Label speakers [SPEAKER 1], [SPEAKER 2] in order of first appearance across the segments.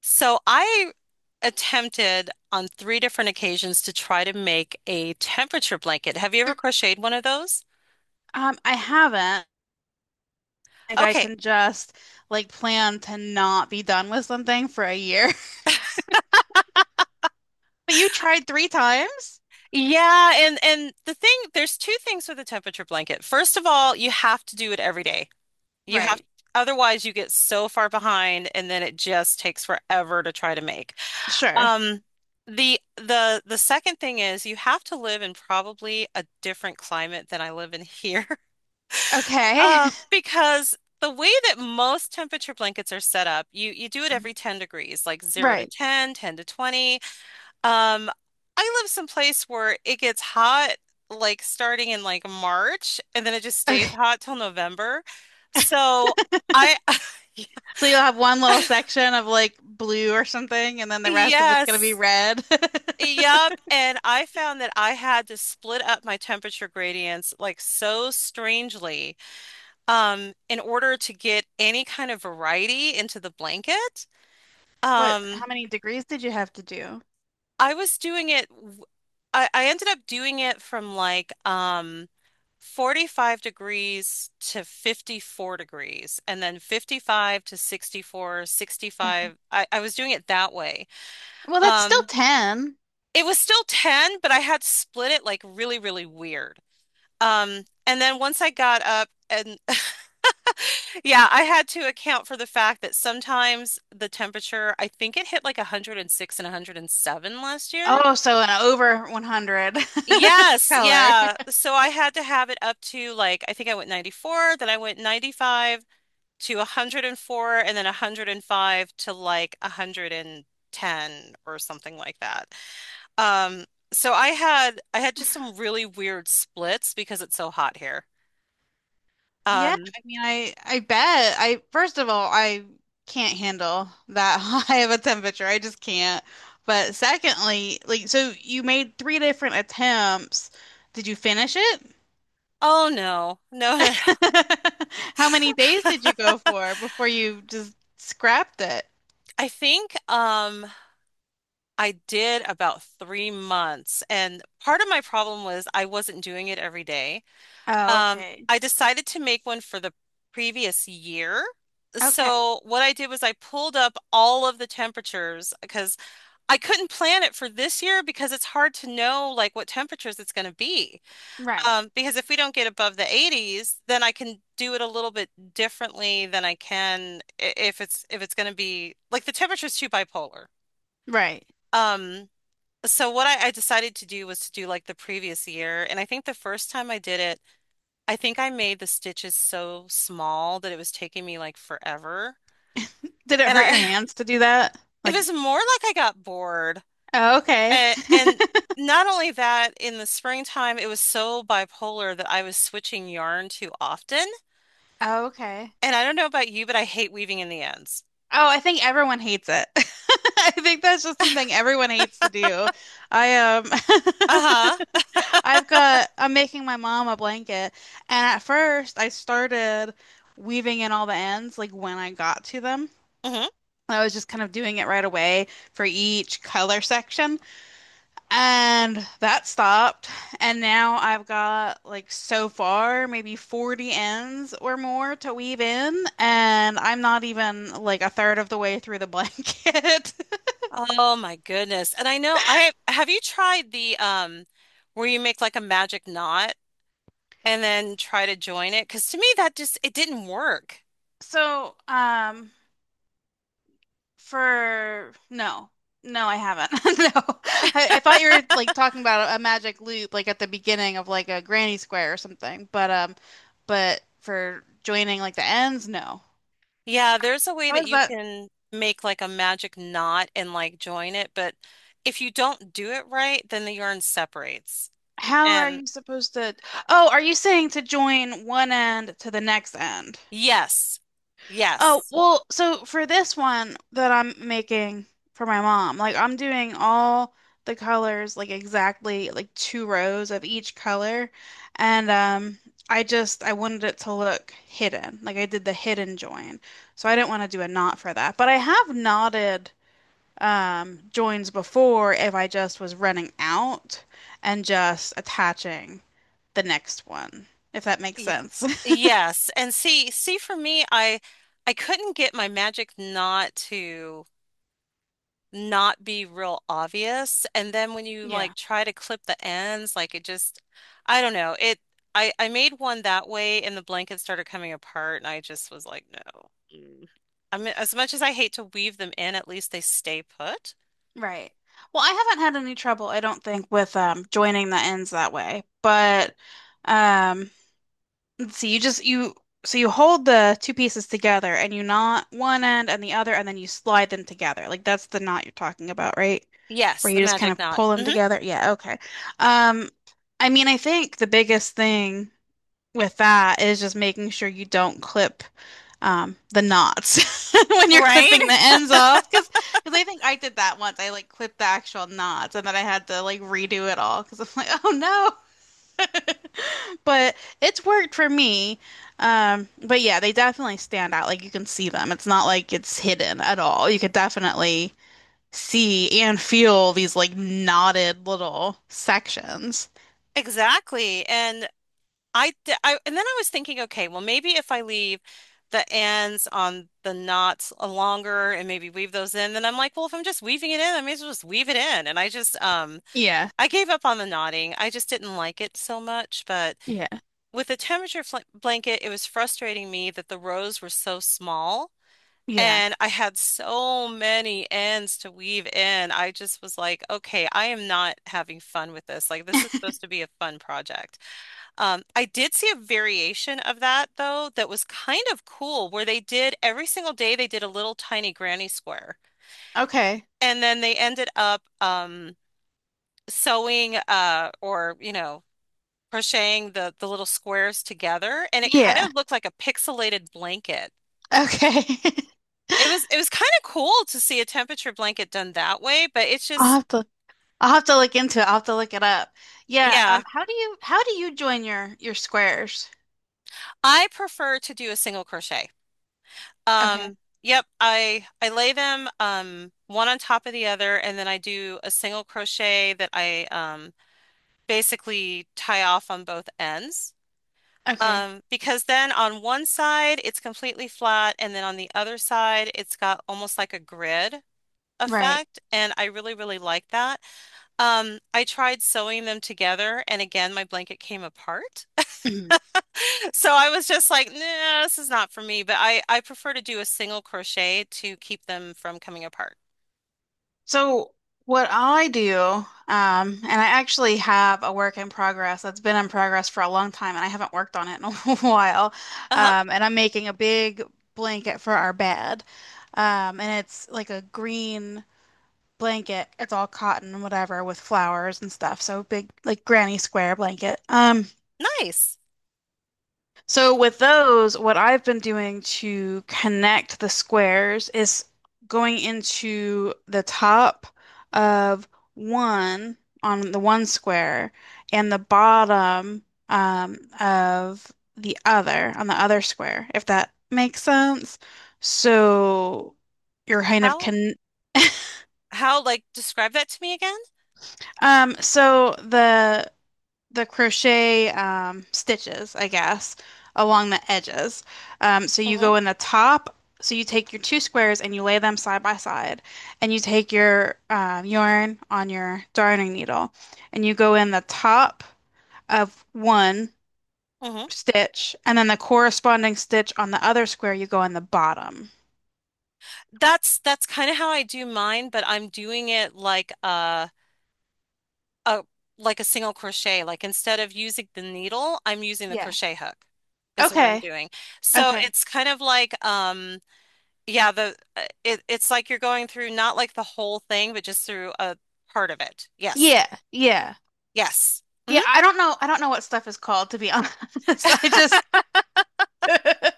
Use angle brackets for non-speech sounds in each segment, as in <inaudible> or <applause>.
[SPEAKER 1] So I attempted on three different occasions to try to make a temperature blanket. Have you ever crocheted one of those?
[SPEAKER 2] I haven't. Like I
[SPEAKER 1] Okay.
[SPEAKER 2] can just like plan to not be done with something for a year. <laughs> But you tried three times?
[SPEAKER 1] Yeah, and the thing, there's two things with a temperature blanket. First of all, you have to do it every day. You have
[SPEAKER 2] Right.
[SPEAKER 1] Otherwise you get so far behind and then it just takes forever to try to make.
[SPEAKER 2] Sure.
[SPEAKER 1] Um the second thing is you have to live in probably a different climate than I live in <laughs> here.
[SPEAKER 2] Okay.
[SPEAKER 1] Because the way that most temperature blankets are set up, you do it every
[SPEAKER 2] <laughs>
[SPEAKER 1] 10 degrees, like 0 to
[SPEAKER 2] Right.
[SPEAKER 1] 10, 10 to 20. Um, I live someplace where it gets hot, like starting in like March, and then it just stays
[SPEAKER 2] Okay.
[SPEAKER 1] hot till November. So I <laughs>
[SPEAKER 2] So you'll have one little section of like blue or something, and then the rest of it's gonna be
[SPEAKER 1] Yes.
[SPEAKER 2] red. <laughs>
[SPEAKER 1] Yep. And I found that I had to split up my temperature gradients like so strangely, in order to get any kind of variety into the blanket.
[SPEAKER 2] How
[SPEAKER 1] Um,
[SPEAKER 2] many degrees did you have to do?
[SPEAKER 1] I was doing it, w- I ended up doing it from like, 45 degrees to 54 degrees, and then 55 to 64,
[SPEAKER 2] Okay.
[SPEAKER 1] 65. I was doing it that way.
[SPEAKER 2] Well, that's still
[SPEAKER 1] Um,
[SPEAKER 2] 10.
[SPEAKER 1] it was still 10, but I had split it like really, really weird. And then once I got up and <laughs> Yeah, I had to account for the fact that sometimes the temperature, I think it hit like 106 and 107 last year.
[SPEAKER 2] Oh, so an over 100 <laughs>
[SPEAKER 1] Yes,
[SPEAKER 2] color.
[SPEAKER 1] yeah. So I had to have it up to like, I think I went 94, then I went 95 to 104, and then 105 to like 110 or something like that. Um, so I had just some really weird splits because it's so hot here.
[SPEAKER 2] Yeah,
[SPEAKER 1] Um,
[SPEAKER 2] I mean, I bet. I First of all, I can't handle that <laughs> high of a temperature. I just can't. But secondly, like so you made three different attempts. Did you finish it?
[SPEAKER 1] oh no, no, <laughs> no. No. No.
[SPEAKER 2] <laughs> How many days did you go for before you just scrapped it?
[SPEAKER 1] I think, I did about 3 months, and part of my problem was I wasn't doing it every day.
[SPEAKER 2] Oh, okay.
[SPEAKER 1] I decided to make one for the previous year.
[SPEAKER 2] Okay.
[SPEAKER 1] So what I did was I pulled up all of the temperatures, because I couldn't plan it for this year because it's hard to know like what temperatures it's going to be.
[SPEAKER 2] Right.
[SPEAKER 1] Because if we don't get above the 80s, then I can do it a little bit differently than if it's going to be like the temperature's too bipolar.
[SPEAKER 2] Right.
[SPEAKER 1] Um, so what I decided to do was to do like the previous year, and I think the first time I did it, I think I made the stitches so small that it was taking me like forever.
[SPEAKER 2] Did it
[SPEAKER 1] And
[SPEAKER 2] hurt
[SPEAKER 1] I
[SPEAKER 2] your
[SPEAKER 1] <laughs>
[SPEAKER 2] hands to do that?
[SPEAKER 1] It
[SPEAKER 2] Like,
[SPEAKER 1] was more like I got bored.
[SPEAKER 2] oh, okay.
[SPEAKER 1] And
[SPEAKER 2] <laughs>
[SPEAKER 1] not only that, in the springtime it was so bipolar that I was switching yarn too often.
[SPEAKER 2] Oh, okay.
[SPEAKER 1] And I don't know about you, but I hate weaving in the ends.
[SPEAKER 2] Oh, I think everyone hates it. <laughs> I think that's just something everyone hates to do. I <laughs>
[SPEAKER 1] Uh-huh.
[SPEAKER 2] I'm making my mom a blanket, and at first I started weaving in all the ends like when I got to them.
[SPEAKER 1] Hmm.
[SPEAKER 2] I was just kind of doing it right away for each color section. And that stopped. And now I've got like so far maybe 40 ends or more to weave in. And I'm not even like a third of the way through the blanket. <laughs>
[SPEAKER 1] Oh my goodness. And I know, I have you tried the, where you make like a magic knot? And then try to join it. Because, to me, that just, it didn't work.
[SPEAKER 2] So, for no, no, I haven't. <laughs> No, I thought you were like talking about a magic loop like at the beginning of like a granny square or something. But for joining like the ends, no.
[SPEAKER 1] Yeah, there's a way
[SPEAKER 2] How
[SPEAKER 1] that
[SPEAKER 2] is
[SPEAKER 1] you
[SPEAKER 2] that?
[SPEAKER 1] can make like a magic knot and like join it, but if you don't do it right, then the yarn separates.
[SPEAKER 2] How are
[SPEAKER 1] And
[SPEAKER 2] you supposed to? Oh, are you saying to join one end to the next end?
[SPEAKER 1] yes,
[SPEAKER 2] Oh,
[SPEAKER 1] yes,
[SPEAKER 2] well, so for this one that I'm making for my mom, like I'm doing all the colors like exactly like two rows of each color, and I wanted it to look hidden. Like I did the hidden join. So I didn't want to do a knot for that. But I have knotted joins before if I just was running out and just attaching the next one, if that makes
[SPEAKER 1] y-
[SPEAKER 2] sense. <laughs>
[SPEAKER 1] yes. And see, for me, I couldn't get my magic knot to not be real obvious. And then when you like
[SPEAKER 2] Yeah,
[SPEAKER 1] try to clip the ends, like it just, I don't know. I made one that way and the blanket started coming apart and I just was like, no. Mm. I mean, as much as I hate to weave them in, at least they stay put.
[SPEAKER 2] right. Well, I haven't had any trouble, I don't think, with joining the ends that way. But um let's see, you so you hold the two pieces together and you knot one end and the other and then you slide them together. Like that's the knot you're talking about, right?
[SPEAKER 1] Yes,
[SPEAKER 2] Where you
[SPEAKER 1] the
[SPEAKER 2] just kind
[SPEAKER 1] magic
[SPEAKER 2] of
[SPEAKER 1] knot.
[SPEAKER 2] pull them
[SPEAKER 1] Hmm.
[SPEAKER 2] together. Yeah, okay. Um I mean, I think the biggest thing with that is just making sure you don't clip the knots <laughs> when you're
[SPEAKER 1] Right?
[SPEAKER 2] clipping the
[SPEAKER 1] <laughs>
[SPEAKER 2] ends off, because I think I did that once. I like clipped the actual knots and then I had to like redo it all because I'm like, oh no. <laughs> But it's worked for me. But yeah, they definitely stand out. Like you can see them. It's not like it's hidden at all. You could definitely see and feel these like knotted little sections.
[SPEAKER 1] Exactly. And I th- I and then I was thinking, okay, well, maybe if I leave the ends on the knots a longer and maybe weave those in. Then I'm like, well, if I'm just weaving it in, I may as well just weave it in. And I just,
[SPEAKER 2] Yeah.
[SPEAKER 1] I gave up on the knotting. I just didn't like it so much. But
[SPEAKER 2] Yeah.
[SPEAKER 1] with the temperature fl blanket, it was frustrating me that the rows were so small
[SPEAKER 2] Yeah.
[SPEAKER 1] and I had so many ends to weave in. I just was like, okay, I am not having fun with this. Like, this is supposed
[SPEAKER 2] <laughs>
[SPEAKER 1] to be a fun project. I did see a variation of that though that was kind of cool, where they did every single day they did a little tiny granny square,
[SPEAKER 2] Okay.
[SPEAKER 1] and then they ended up, sewing, or crocheting the little squares together, and it kind
[SPEAKER 2] Yeah.
[SPEAKER 1] of looked like a pixelated blanket.
[SPEAKER 2] Okay. <laughs>
[SPEAKER 1] It was kind of cool to see a temperature blanket done that way, but it's
[SPEAKER 2] I'll
[SPEAKER 1] just.
[SPEAKER 2] have to I'll have to look into it. I'll have to look it up. Yeah,
[SPEAKER 1] Yeah,
[SPEAKER 2] how do you join your squares?
[SPEAKER 1] I prefer to do a single crochet.
[SPEAKER 2] Okay.
[SPEAKER 1] Yep, I lay them, one on top of the other, and then I do a single crochet that I, basically tie off on both ends.
[SPEAKER 2] Okay.
[SPEAKER 1] Because then on one side it's completely flat, and then on the other side it's got almost like a grid
[SPEAKER 2] Right.
[SPEAKER 1] effect, and I really really like that. I tried sewing them together and again my blanket came apart.
[SPEAKER 2] <clears throat>
[SPEAKER 1] <laughs> So I was just like, nah, this is not for me, but I prefer to do a single crochet to keep them from coming apart.
[SPEAKER 2] So what I do, and I actually have a work in progress that's been in progress for a long time, and I haven't worked on it in <laughs> a while.
[SPEAKER 1] Uh-huh.
[SPEAKER 2] And I'm making a big blanket for our bed. And it's like a green blanket. It's all cotton and whatever, with flowers and stuff. So big like granny square blanket.
[SPEAKER 1] Nice.
[SPEAKER 2] So with those, what I've been doing to connect the squares is going into the top of one on the one square and the bottom of the other on the other square, if that makes sense. So you're kind of
[SPEAKER 1] How
[SPEAKER 2] con <laughs>
[SPEAKER 1] how, like, describe that to me again?
[SPEAKER 2] so the crochet stitches, I guess, along the edges. So you
[SPEAKER 1] Mm-hmm.
[SPEAKER 2] go in the top. So you take your two squares and you lay them side by side, and you take your yarn on your darning needle, and you go in the top of one
[SPEAKER 1] Mm-hmm.
[SPEAKER 2] stitch, and then the corresponding stitch on the other square, you go in the bottom.
[SPEAKER 1] That's kind of how I do mine, but I'm doing it like a a single crochet. Like, instead of using the needle, I'm using the
[SPEAKER 2] Yeah.
[SPEAKER 1] crochet hook is what I'm
[SPEAKER 2] Okay.
[SPEAKER 1] doing. So
[SPEAKER 2] Okay.
[SPEAKER 1] it's kind of like, yeah, the, it's like you're going through not like the whole thing, but just through a part of it. Yes.
[SPEAKER 2] Yeah. Yeah.
[SPEAKER 1] Yes. Hmm.
[SPEAKER 2] Yeah. I don't know. I don't know what stuff is called, to be honest. <laughs> I just
[SPEAKER 1] <laughs>
[SPEAKER 2] <laughs>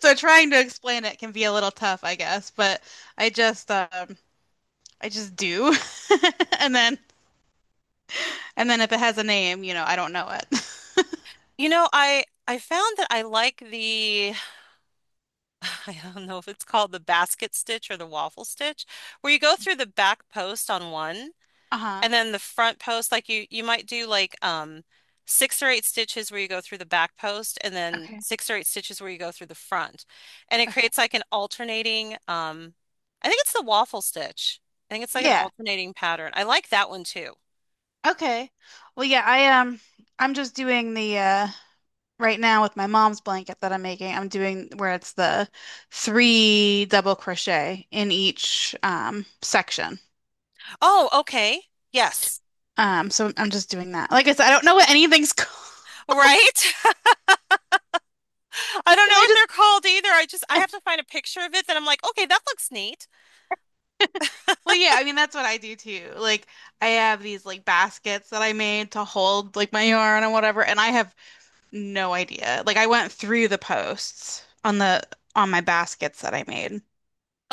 [SPEAKER 2] So trying to explain it can be a little tough, I guess, but I just um I just do. <laughs> And then and then if it has a name, I don't know it. <laughs>
[SPEAKER 1] You know, I found that I like the <sighs> I don't know if it's called the basket stitch or the waffle stitch, where you go through the back post on one
[SPEAKER 2] Uh-huh.
[SPEAKER 1] and then the front post, like you might do like, six or eight stitches where you go through the back post and then
[SPEAKER 2] Okay.
[SPEAKER 1] six or eight stitches where you go through the front. And it
[SPEAKER 2] Okay.
[SPEAKER 1] creates like an alternating, I think it's the waffle stitch. I think it's like an
[SPEAKER 2] Yeah.
[SPEAKER 1] alternating pattern. I like that one too.
[SPEAKER 2] Okay. Well, yeah, I'm just doing the right now with my mom's blanket that I'm making. I'm doing where it's the three double crochet in each section.
[SPEAKER 1] Oh, okay. Yes.
[SPEAKER 2] So I'm just doing that. Like I said, I don't know what anything's <laughs> called.
[SPEAKER 1] Right? <laughs> I don't know
[SPEAKER 2] I
[SPEAKER 1] what they're
[SPEAKER 2] just
[SPEAKER 1] called either. I have to find a picture of it that I'm like, okay, that looks neat.
[SPEAKER 2] Well, yeah, I mean that's what I do too. Like I have these like baskets that I made to hold like my yarn and whatever, and I have no idea. Like I went through the posts on the on my baskets that I made.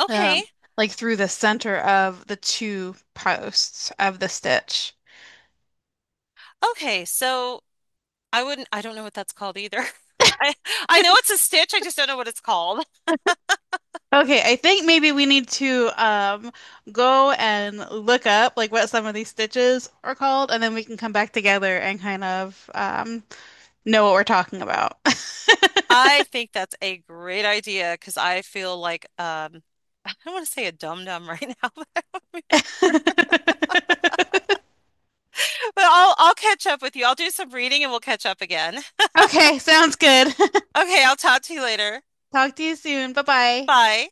[SPEAKER 1] Okay.
[SPEAKER 2] Um, like through the center of the two posts of the stitch.
[SPEAKER 1] Okay. So I don't know what that's called either. <laughs> I I know it's a stitch, I just don't know what it's called.
[SPEAKER 2] Okay, I think maybe we need to go and look up like what some of these stitches are called, and then we can come back together and kind of know what we're talking about. <laughs>
[SPEAKER 1] I think that's a great idea because I feel like, I don't want to say a dum dum right now, <laughs> but I don't mean that.
[SPEAKER 2] <laughs>
[SPEAKER 1] But I'll catch up with you. I'll do some reading and we'll catch up again.
[SPEAKER 2] Okay, sounds good.
[SPEAKER 1] Okay, I'll talk to you later.
[SPEAKER 2] <laughs> Talk to you soon. Bye bye.
[SPEAKER 1] Bye.